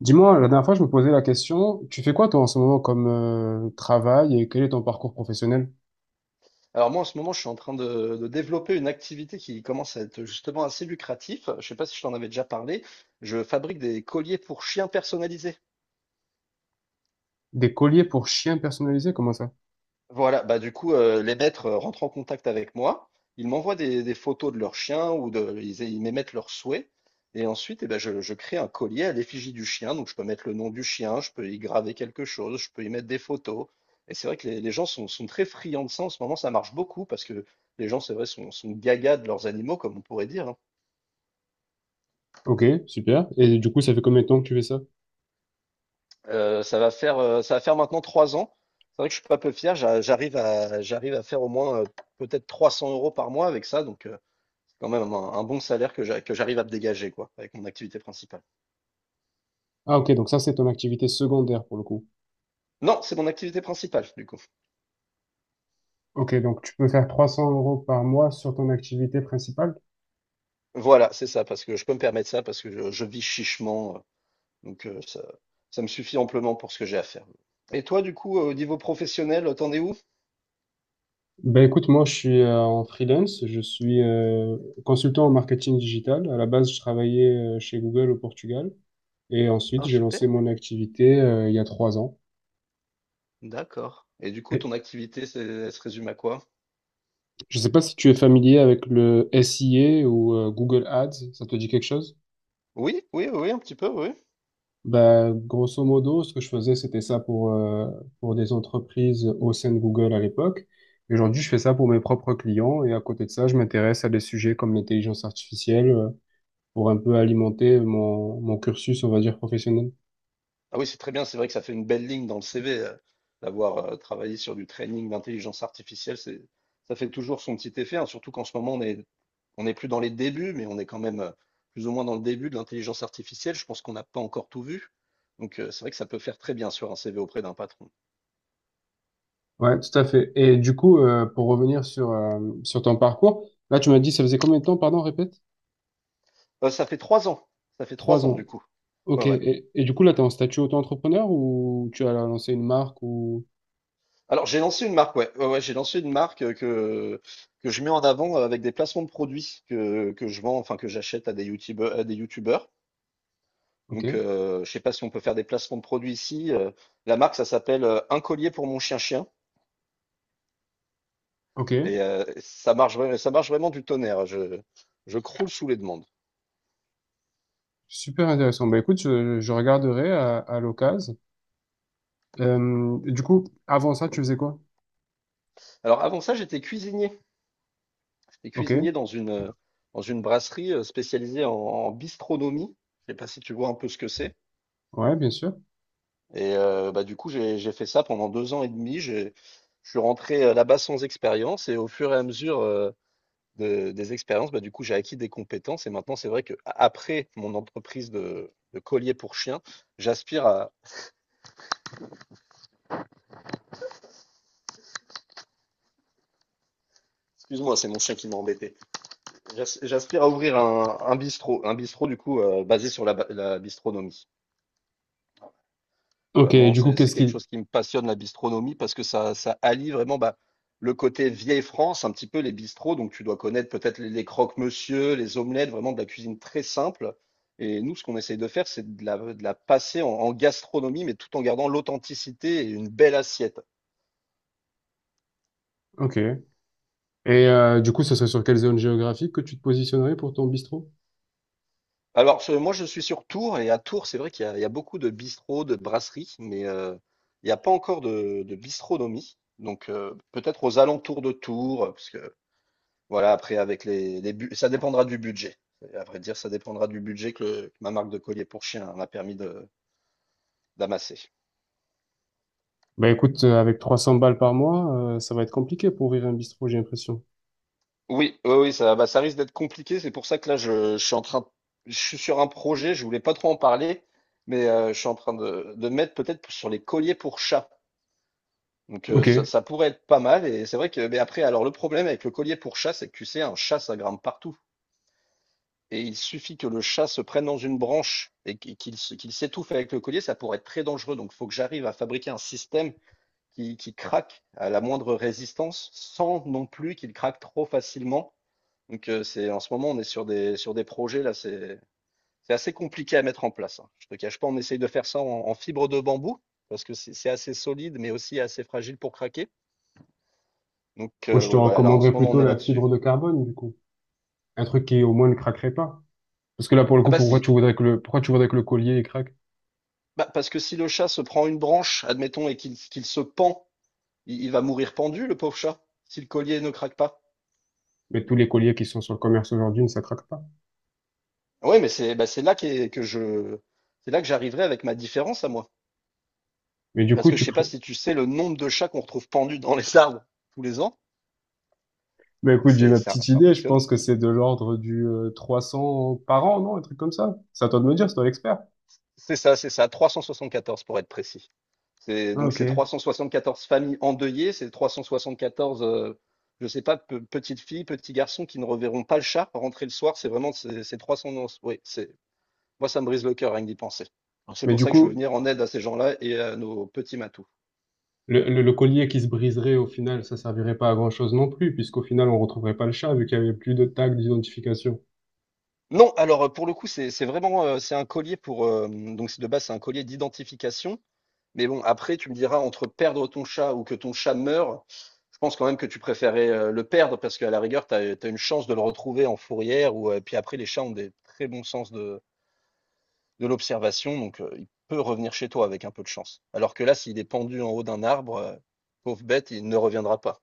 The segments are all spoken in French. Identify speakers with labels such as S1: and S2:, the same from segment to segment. S1: Dis-moi, la dernière fois, je me posais la question, tu fais quoi toi en ce moment comme travail et quel est ton parcours professionnel?
S2: Alors moi, en ce moment, je suis en train de développer une activité qui commence à être justement assez lucratif. Je sais pas si je t'en avais déjà parlé. Je fabrique des colliers pour chiens personnalisés.
S1: Des colliers pour chiens personnalisés, comment ça?
S2: Voilà, bah du coup, les maîtres rentrent en contact avec moi. Ils m'envoient des photos de leurs chiens ils m'émettent leurs souhaits. Et ensuite, eh ben, je crée un collier à l'effigie du chien. Donc, je peux mettre le nom du chien, je peux y graver quelque chose, je peux y mettre des photos. Et c'est vrai que les gens sont, sont très friands de ça. En ce moment, ça marche beaucoup parce que les gens, c'est vrai, sont, sont gaga de leurs animaux, comme on pourrait dire, hein.
S1: Ok, super. Et du coup, ça fait combien de temps que tu fais ça?
S2: Ça va faire maintenant 3 ans. C'est vrai que je suis pas peu fier. J'arrive j'arrive à faire au moins peut-être 300 euros par mois avec ça. Donc, c'est quand même un bon salaire que que j'arrive à me dégager, quoi, avec mon activité principale.
S1: Ah ok, donc ça, c'est ton activité secondaire pour le coup.
S2: Non, c'est mon activité principale, du coup.
S1: Ok, donc tu peux faire 300 euros par mois sur ton activité principale?
S2: Voilà, c'est ça, parce que je peux me permettre ça, parce que je vis chichement. Donc, euh, ça, Ça me suffit amplement pour ce que j'ai à faire. Et toi, du coup, au niveau professionnel, t'en es où?
S1: Ben écoute, moi, je suis en freelance, je suis consultant en marketing digital. À la base, je travaillais chez Google au Portugal et ensuite,
S2: Ah,
S1: j'ai lancé
S2: super.
S1: mon activité il y a trois ans.
S2: D'accord. Et du coup, ton activité, elle se résume à quoi?
S1: Je ne sais pas si tu es familier avec le SIA ou Google Ads, ça te dit quelque chose?
S2: Oui, oui, oui, un petit peu, oui.
S1: Ben, grosso modo, ce que je faisais, c'était ça pour des entreprises au sein de Google à l'époque. Et aujourd'hui, je fais ça pour mes propres clients et à côté de ça, je m'intéresse à des sujets comme l'intelligence artificielle pour un peu alimenter mon, mon cursus, on va dire, professionnel.
S2: Ah oui, c'est très bien, c'est vrai que ça fait une belle ligne dans le CV, d'avoir travaillé sur du training d'intelligence artificielle, c'est, ça fait toujours son petit effet, hein, surtout qu'en ce moment, on est, on n'est plus dans les débuts, mais on est quand même plus ou moins dans le début de l'intelligence artificielle. Je pense qu'on n'a pas encore tout vu. Donc, c'est vrai que ça peut faire très bien sur un CV auprès d'un patron.
S1: Ouais, tout à fait. Et du coup, pour revenir sur, sur ton parcours, là, tu m'as dit, ça faisait combien de temps, pardon, répète?
S2: Ça fait 3 ans. Ça fait
S1: Trois
S2: trois ans,
S1: ans.
S2: du coup. Ouais,
S1: Ok,
S2: ouais.
S1: et du coup, là, tu es en statut auto-entrepreneur ou tu as lancé une marque ou...
S2: Alors, j'ai lancé une marque, ouais. Ouais, ouais, j'ai lancé une marque que je mets en avant avec des placements de produits que je vends, enfin, que j'achète à des youtubeurs, à des youtubeurs.
S1: Ok,
S2: Donc, je sais pas si on peut faire des placements de produits ici. La marque, ça s'appelle Un collier pour mon chien-chien.
S1: ok,
S2: Et ça marche, ça marche vraiment du tonnerre. Je croule sous les demandes.
S1: super intéressant. Bah écoute, je regarderai à l'occasion. Du coup, avant ça, tu faisais quoi?
S2: Alors, avant ça, j'étais cuisinier. J'étais
S1: Ok,
S2: cuisinier dans dans une brasserie spécialisée en, en bistronomie. Je sais pas si tu vois un peu ce que c'est.
S1: ouais, bien sûr.
S2: Et bah, du coup, j'ai fait ça pendant 2 ans et demi. Je suis rentré là-bas sans expérience. Et au fur et à mesure De des expériences, bah, du coup, j'ai acquis des compétences et maintenant, c'est vrai que après mon entreprise de collier pour chien, j'aspire à excuse-moi, c'est mon chien qui m'a embêté. J'aspire à ouvrir un bistrot, du coup, basé sur la bistronomie.
S1: Ok,
S2: Vraiment,
S1: du coup,
S2: c'est
S1: qu'est-ce
S2: quelque
S1: qui...
S2: chose qui me passionne, la bistronomie, parce que ça allie vraiment bah, le côté vieille France, un petit peu les bistrots. Donc, tu dois connaître peut-être les croque-monsieur, les omelettes, vraiment de la cuisine très simple. Et nous, ce qu'on essaye de faire, c'est de de la passer en, en gastronomie, mais tout en gardant l'authenticité et une belle assiette.
S1: Ok. Et du coup, ce serait sur quelle zone géographique que tu te positionnerais pour ton bistrot?
S2: Alors, moi, je suis sur Tours, et à Tours, c'est vrai qu'il y a, il y a beaucoup de bistrots, de brasseries, mais il n'y a pas encore de bistronomie. Donc, peut-être aux alentours de Tours, parce que voilà, après, avec ça dépendra du budget. À vrai dire, ça dépendra du budget que ma marque de collier pour chien m'a permis de d'amasser.
S1: Bah écoute, avec 300 balles par mois, ça va être compliqué pour ouvrir un bistrot, j'ai l'impression.
S2: Oui, oui, oui, ça, bah, ça risque d'être compliqué. C'est pour ça que là, je suis en train, je suis sur un projet. Je voulais pas trop en parler, mais je suis en train de mettre peut-être sur les colliers pour chat. Donc,
S1: Ok.
S2: ça pourrait être pas mal. Et c'est vrai que, mais après, alors le problème avec le collier pour chat, c'est que tu sais, un chat, ça grimpe partout. Et il suffit que le chat se prenne dans une branche et qu'il s'étouffe avec le collier, ça pourrait être très dangereux. Donc, il faut que j'arrive à fabriquer un système qui craque à la moindre résistance, sans non plus qu'il craque trop facilement. Donc, en ce moment, on est sur sur des projets, là, c'est assez compliqué à mettre en place, hein. Je ne te cache pas, on essaye de faire ça en, en fibre de bambou, parce que c'est assez solide, mais aussi assez fragile pour craquer. Donc,
S1: Moi, je te
S2: ouais, voilà, là, en ce
S1: recommanderais
S2: moment, on
S1: plutôt
S2: est
S1: la
S2: là-dessus.
S1: fibre de carbone, du coup. Un truc qui, au moins, ne craquerait pas. Parce que là, pour le
S2: Ah
S1: coup,
S2: bah
S1: pourquoi
S2: si,
S1: tu voudrais que le, pourquoi tu voudrais que le collier, il craque?
S2: bah, parce que si le chat se prend une branche, admettons, et qu'il se pend, il va mourir pendu, le pauvre chat, si le collier ne craque pas.
S1: Mais tous les colliers qui sont sur le commerce aujourd'hui, ne ça craque pas.
S2: Oui, mais c'est bah, c'est là que j'arriverai avec ma différence à moi.
S1: Mais du coup,
S2: Parce que je
S1: tu
S2: sais pas
S1: pré...
S2: si tu sais le nombre de chats qu'on retrouve pendus dans les arbres tous les ans.
S1: Mais écoute, j'ai
S2: C'est,
S1: ma petite
S2: ça
S1: idée. Je
S2: impressionne.
S1: pense que c'est de l'ordre du 300 par an, non? Un truc comme ça. C'est à toi de me dire, c'est toi l'expert.
S2: C'est ça, 374 pour être précis.
S1: Ah,
S2: Donc
S1: ok.
S2: c'est 374 familles endeuillées, c'est 374, je sais pas, petites filles, petits garçons qui ne reverront pas le chat rentrer le soir. C'est vraiment, c'est 300, oui, c'est... Moi, ça me brise le cœur rien que d'y penser. Donc c'est
S1: Mais
S2: pour
S1: du
S2: ça que je veux
S1: coup,
S2: venir en aide à ces gens-là et à nos petits matous.
S1: le collier qui se briserait, au final, ça servirait pas à grand-chose non plus, puisqu'au final, on retrouverait pas le chat, vu qu'il y avait plus de tag d'identification.
S2: Non, alors pour le coup, c'est vraiment c'est un collier pour donc c'est de base c'est un collier d'identification. Mais bon, après tu me diras entre perdre ton chat ou que ton chat meure, je pense quand même que tu préférais le perdre parce qu'à la rigueur, tu as, une chance de le retrouver en fourrière ou puis après les chats ont des très bons sens de l'observation, donc il peut revenir chez toi avec un peu de chance. Alors que là, s'il est pendu en haut d'un arbre, pauvre bête, il ne reviendra pas.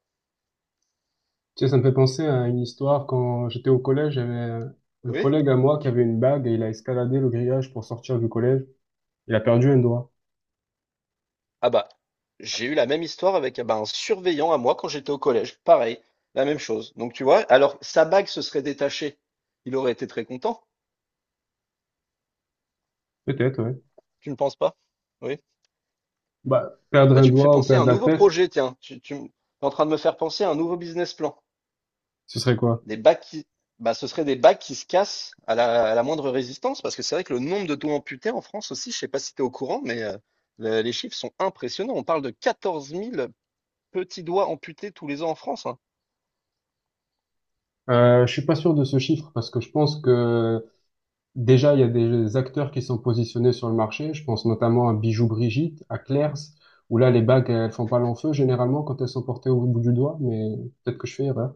S1: Tu sais, ça me fait penser à une histoire. Quand j'étais au collège, j'avais un
S2: Oui?
S1: collègue à moi qui avait une bague et il a escaladé le grillage pour sortir du collège. Il a perdu un doigt.
S2: Ah bah, j'ai eu la même histoire avec ah bah, un surveillant à moi quand j'étais au collège. Pareil, la même chose. Donc tu vois, alors sa bague se serait détachée. Il aurait été très content.
S1: Peut-être, ouais.
S2: Tu ne penses pas? Oui.
S1: Bah, perdre
S2: Bah
S1: un
S2: tu me fais
S1: doigt ou
S2: penser à
S1: perdre
S2: un
S1: la
S2: nouveau
S1: tête,
S2: projet, tiens. Tu es en train de me faire penser à un nouveau business plan.
S1: ce serait quoi?
S2: Des bagues qui, Bah ce serait des bagues qui se cassent à à la moindre résistance, parce que c'est vrai que le nombre de doigts amputés en France aussi, je sais pas si tu es au courant, mais les chiffres sont impressionnants. On parle de 14 000 petits doigts amputés tous les ans en France, hein.
S1: Je suis pas sûr de ce chiffre parce que je pense que déjà il y a des acteurs qui sont positionnés sur le marché. Je pense notamment à Bijou Brigitte, à Claire's, où là les bagues elles font pas long feu généralement quand elles sont portées au bout du doigt, mais peut-être que je fais erreur.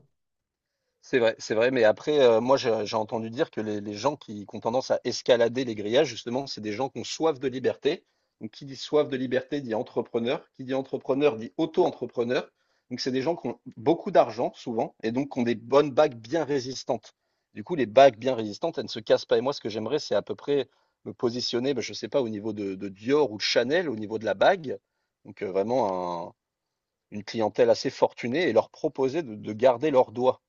S2: C'est vrai, mais après, moi, je j'ai entendu dire que les gens qui ont tendance à escalader les grillages, justement, c'est des gens qui ont soif de liberté. Donc qui dit soif de liberté dit entrepreneur, qui dit entrepreneur dit auto-entrepreneur. Donc c'est des gens qui ont beaucoup d'argent souvent et donc qui ont des bonnes bagues bien résistantes. Du coup, les bagues bien résistantes, elles ne se cassent pas et moi, ce que j'aimerais, c'est à peu près me positionner, bah, je ne sais pas, au niveau de Dior ou de Chanel, au niveau de la bague. Donc, vraiment un une clientèle assez fortunée et leur proposer de garder leurs doigts.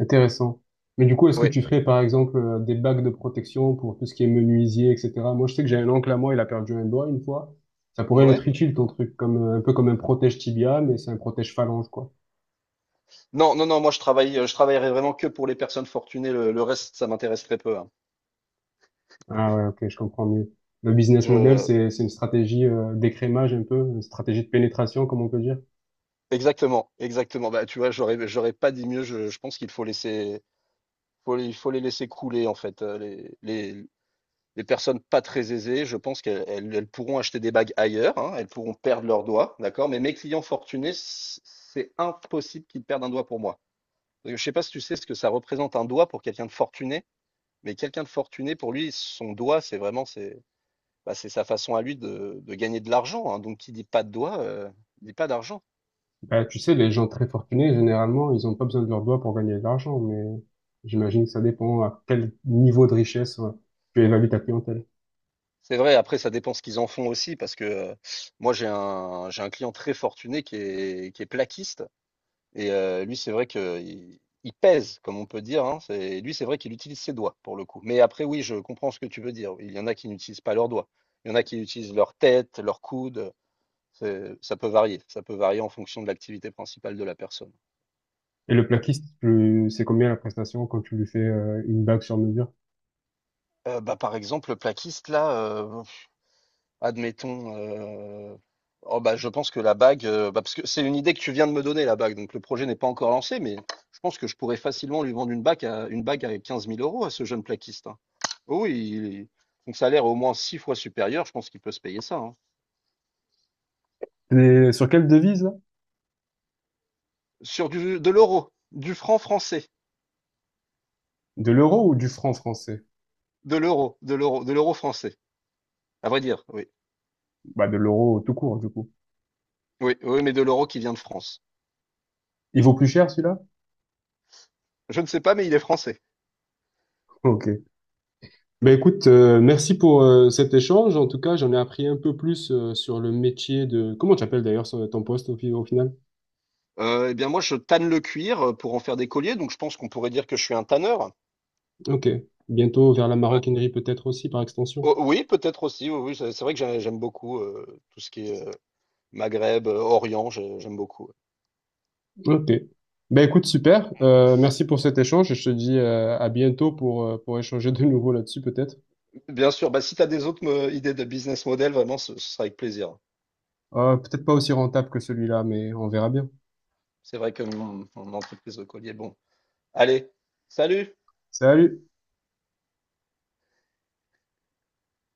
S1: Intéressant. Mais du coup, est-ce que
S2: Oui.
S1: tu ferais par exemple des bagues de protection pour tout ce qui est menuisier, etc. Moi, je sais que j'ai un oncle à moi, il a perdu un doigt une fois. Ça pourrait
S2: Ouais.
S1: être utile ton truc, comme un peu comme un protège tibia, mais c'est un protège phalange, quoi.
S2: Non, non, non, moi je travaille, je travaillerai vraiment que pour les personnes fortunées. Le reste, ça m'intéresse très peu, hein.
S1: Ah ouais, ok, je comprends mieux. Le business model,
S2: Je,
S1: c'est une stratégie d'écrémage un peu, une stratégie de pénétration, comme on peut dire.
S2: exactement, exactement. Bah, tu vois, j'aurais pas dit mieux. Je pense qu'il faut laisser, il faut les laisser couler en fait. Les personnes pas très aisées, je pense qu'elles elles pourront acheter des bagues ailleurs, hein, elles pourront perdre leurs doigts, d'accord. Mais mes clients fortunés, c'est impossible qu'ils perdent un doigt pour moi. Parce que je sais pas si tu sais ce que ça représente un doigt pour quelqu'un de fortuné, mais quelqu'un de fortuné pour lui, son doigt, c'est vraiment, c'est... Bah, c'est sa façon à lui de gagner de l'argent, hein. Donc, qui dit pas de doigts, dit pas d'argent.
S1: Bah, tu sais, les gens très fortunés, généralement, ils ont pas besoin de leurs doigts pour gagner de l'argent, mais j'imagine que ça dépend à quel niveau de richesse tu évalues ta clientèle.
S2: C'est vrai, après, ça dépend ce qu'ils en font aussi, parce que moi, j'ai un client très fortuné qui est plaquiste, et lui, c'est vrai que il pèse, comme on peut dire, hein. Lui, c'est vrai qu'il utilise ses doigts, pour le coup. Mais après, oui, je comprends ce que tu veux dire. Il y en a qui n'utilisent pas leurs doigts. Il y en a qui utilisent leur tête, leur coude. Ça peut varier. Ça peut varier en fonction de l'activité principale de la personne.
S1: Et le plaquiste, c'est combien la prestation quand tu lui fais une bague sur mesure?
S2: Bah, par exemple, le plaquiste, là, euh, Admettons, heu, oh bah, je pense que la bague, bah, parce que c'est une idée que tu viens de me donner la bague, donc le projet n'est pas encore lancé, mais je pense que je pourrais facilement lui vendre une bague à 15 000 euros à ce jeune plaquiste, hein. Oh oui, son salaire est au moins 6 fois supérieur, je pense qu'il peut se payer ça, hein.
S1: Et sur quelle devise, là?
S2: Sur du de l'euro, du franc français,
S1: De l'euro ou du franc français?
S2: de l'euro français, à vrai dire, oui.
S1: Bah, de l'euro tout court, du coup.
S2: Oui, oui, mais de l'euro qui vient de France.
S1: Il vaut plus cher, celui-là?
S2: Je ne sais pas, mais il est français.
S1: Ok. Ben écoute, merci pour cet échange. En tout cas, j'en ai appris un peu plus sur le métier de... Comment tu appelles d'ailleurs ton poste au, au final?
S2: Et bien moi, je tanne le cuir, pour en faire des colliers, donc je pense qu'on pourrait dire que je suis un tanneur.
S1: Ok. Bientôt vers la
S2: Ouais.
S1: maroquinerie peut-être aussi par extension.
S2: O Oui, peut-être aussi, oui, oui, c'est vrai que j'aime beaucoup, tout ce qui est, Maghreb, Orient, je j'aime beaucoup, ouais.
S1: Ok. Ben écoute, super. Merci pour cet échange. Et je te dis à bientôt pour échanger de nouveau là-dessus peut-être.
S2: Bien sûr, bah, si tu as des autres me idées de business model, vraiment, ce sera avec plaisir.
S1: Peut-être pas aussi rentable que celui-là, mais on verra bien.
S2: C'est vrai que mon entreprise de collier, bon. Allez, salut!
S1: Salut!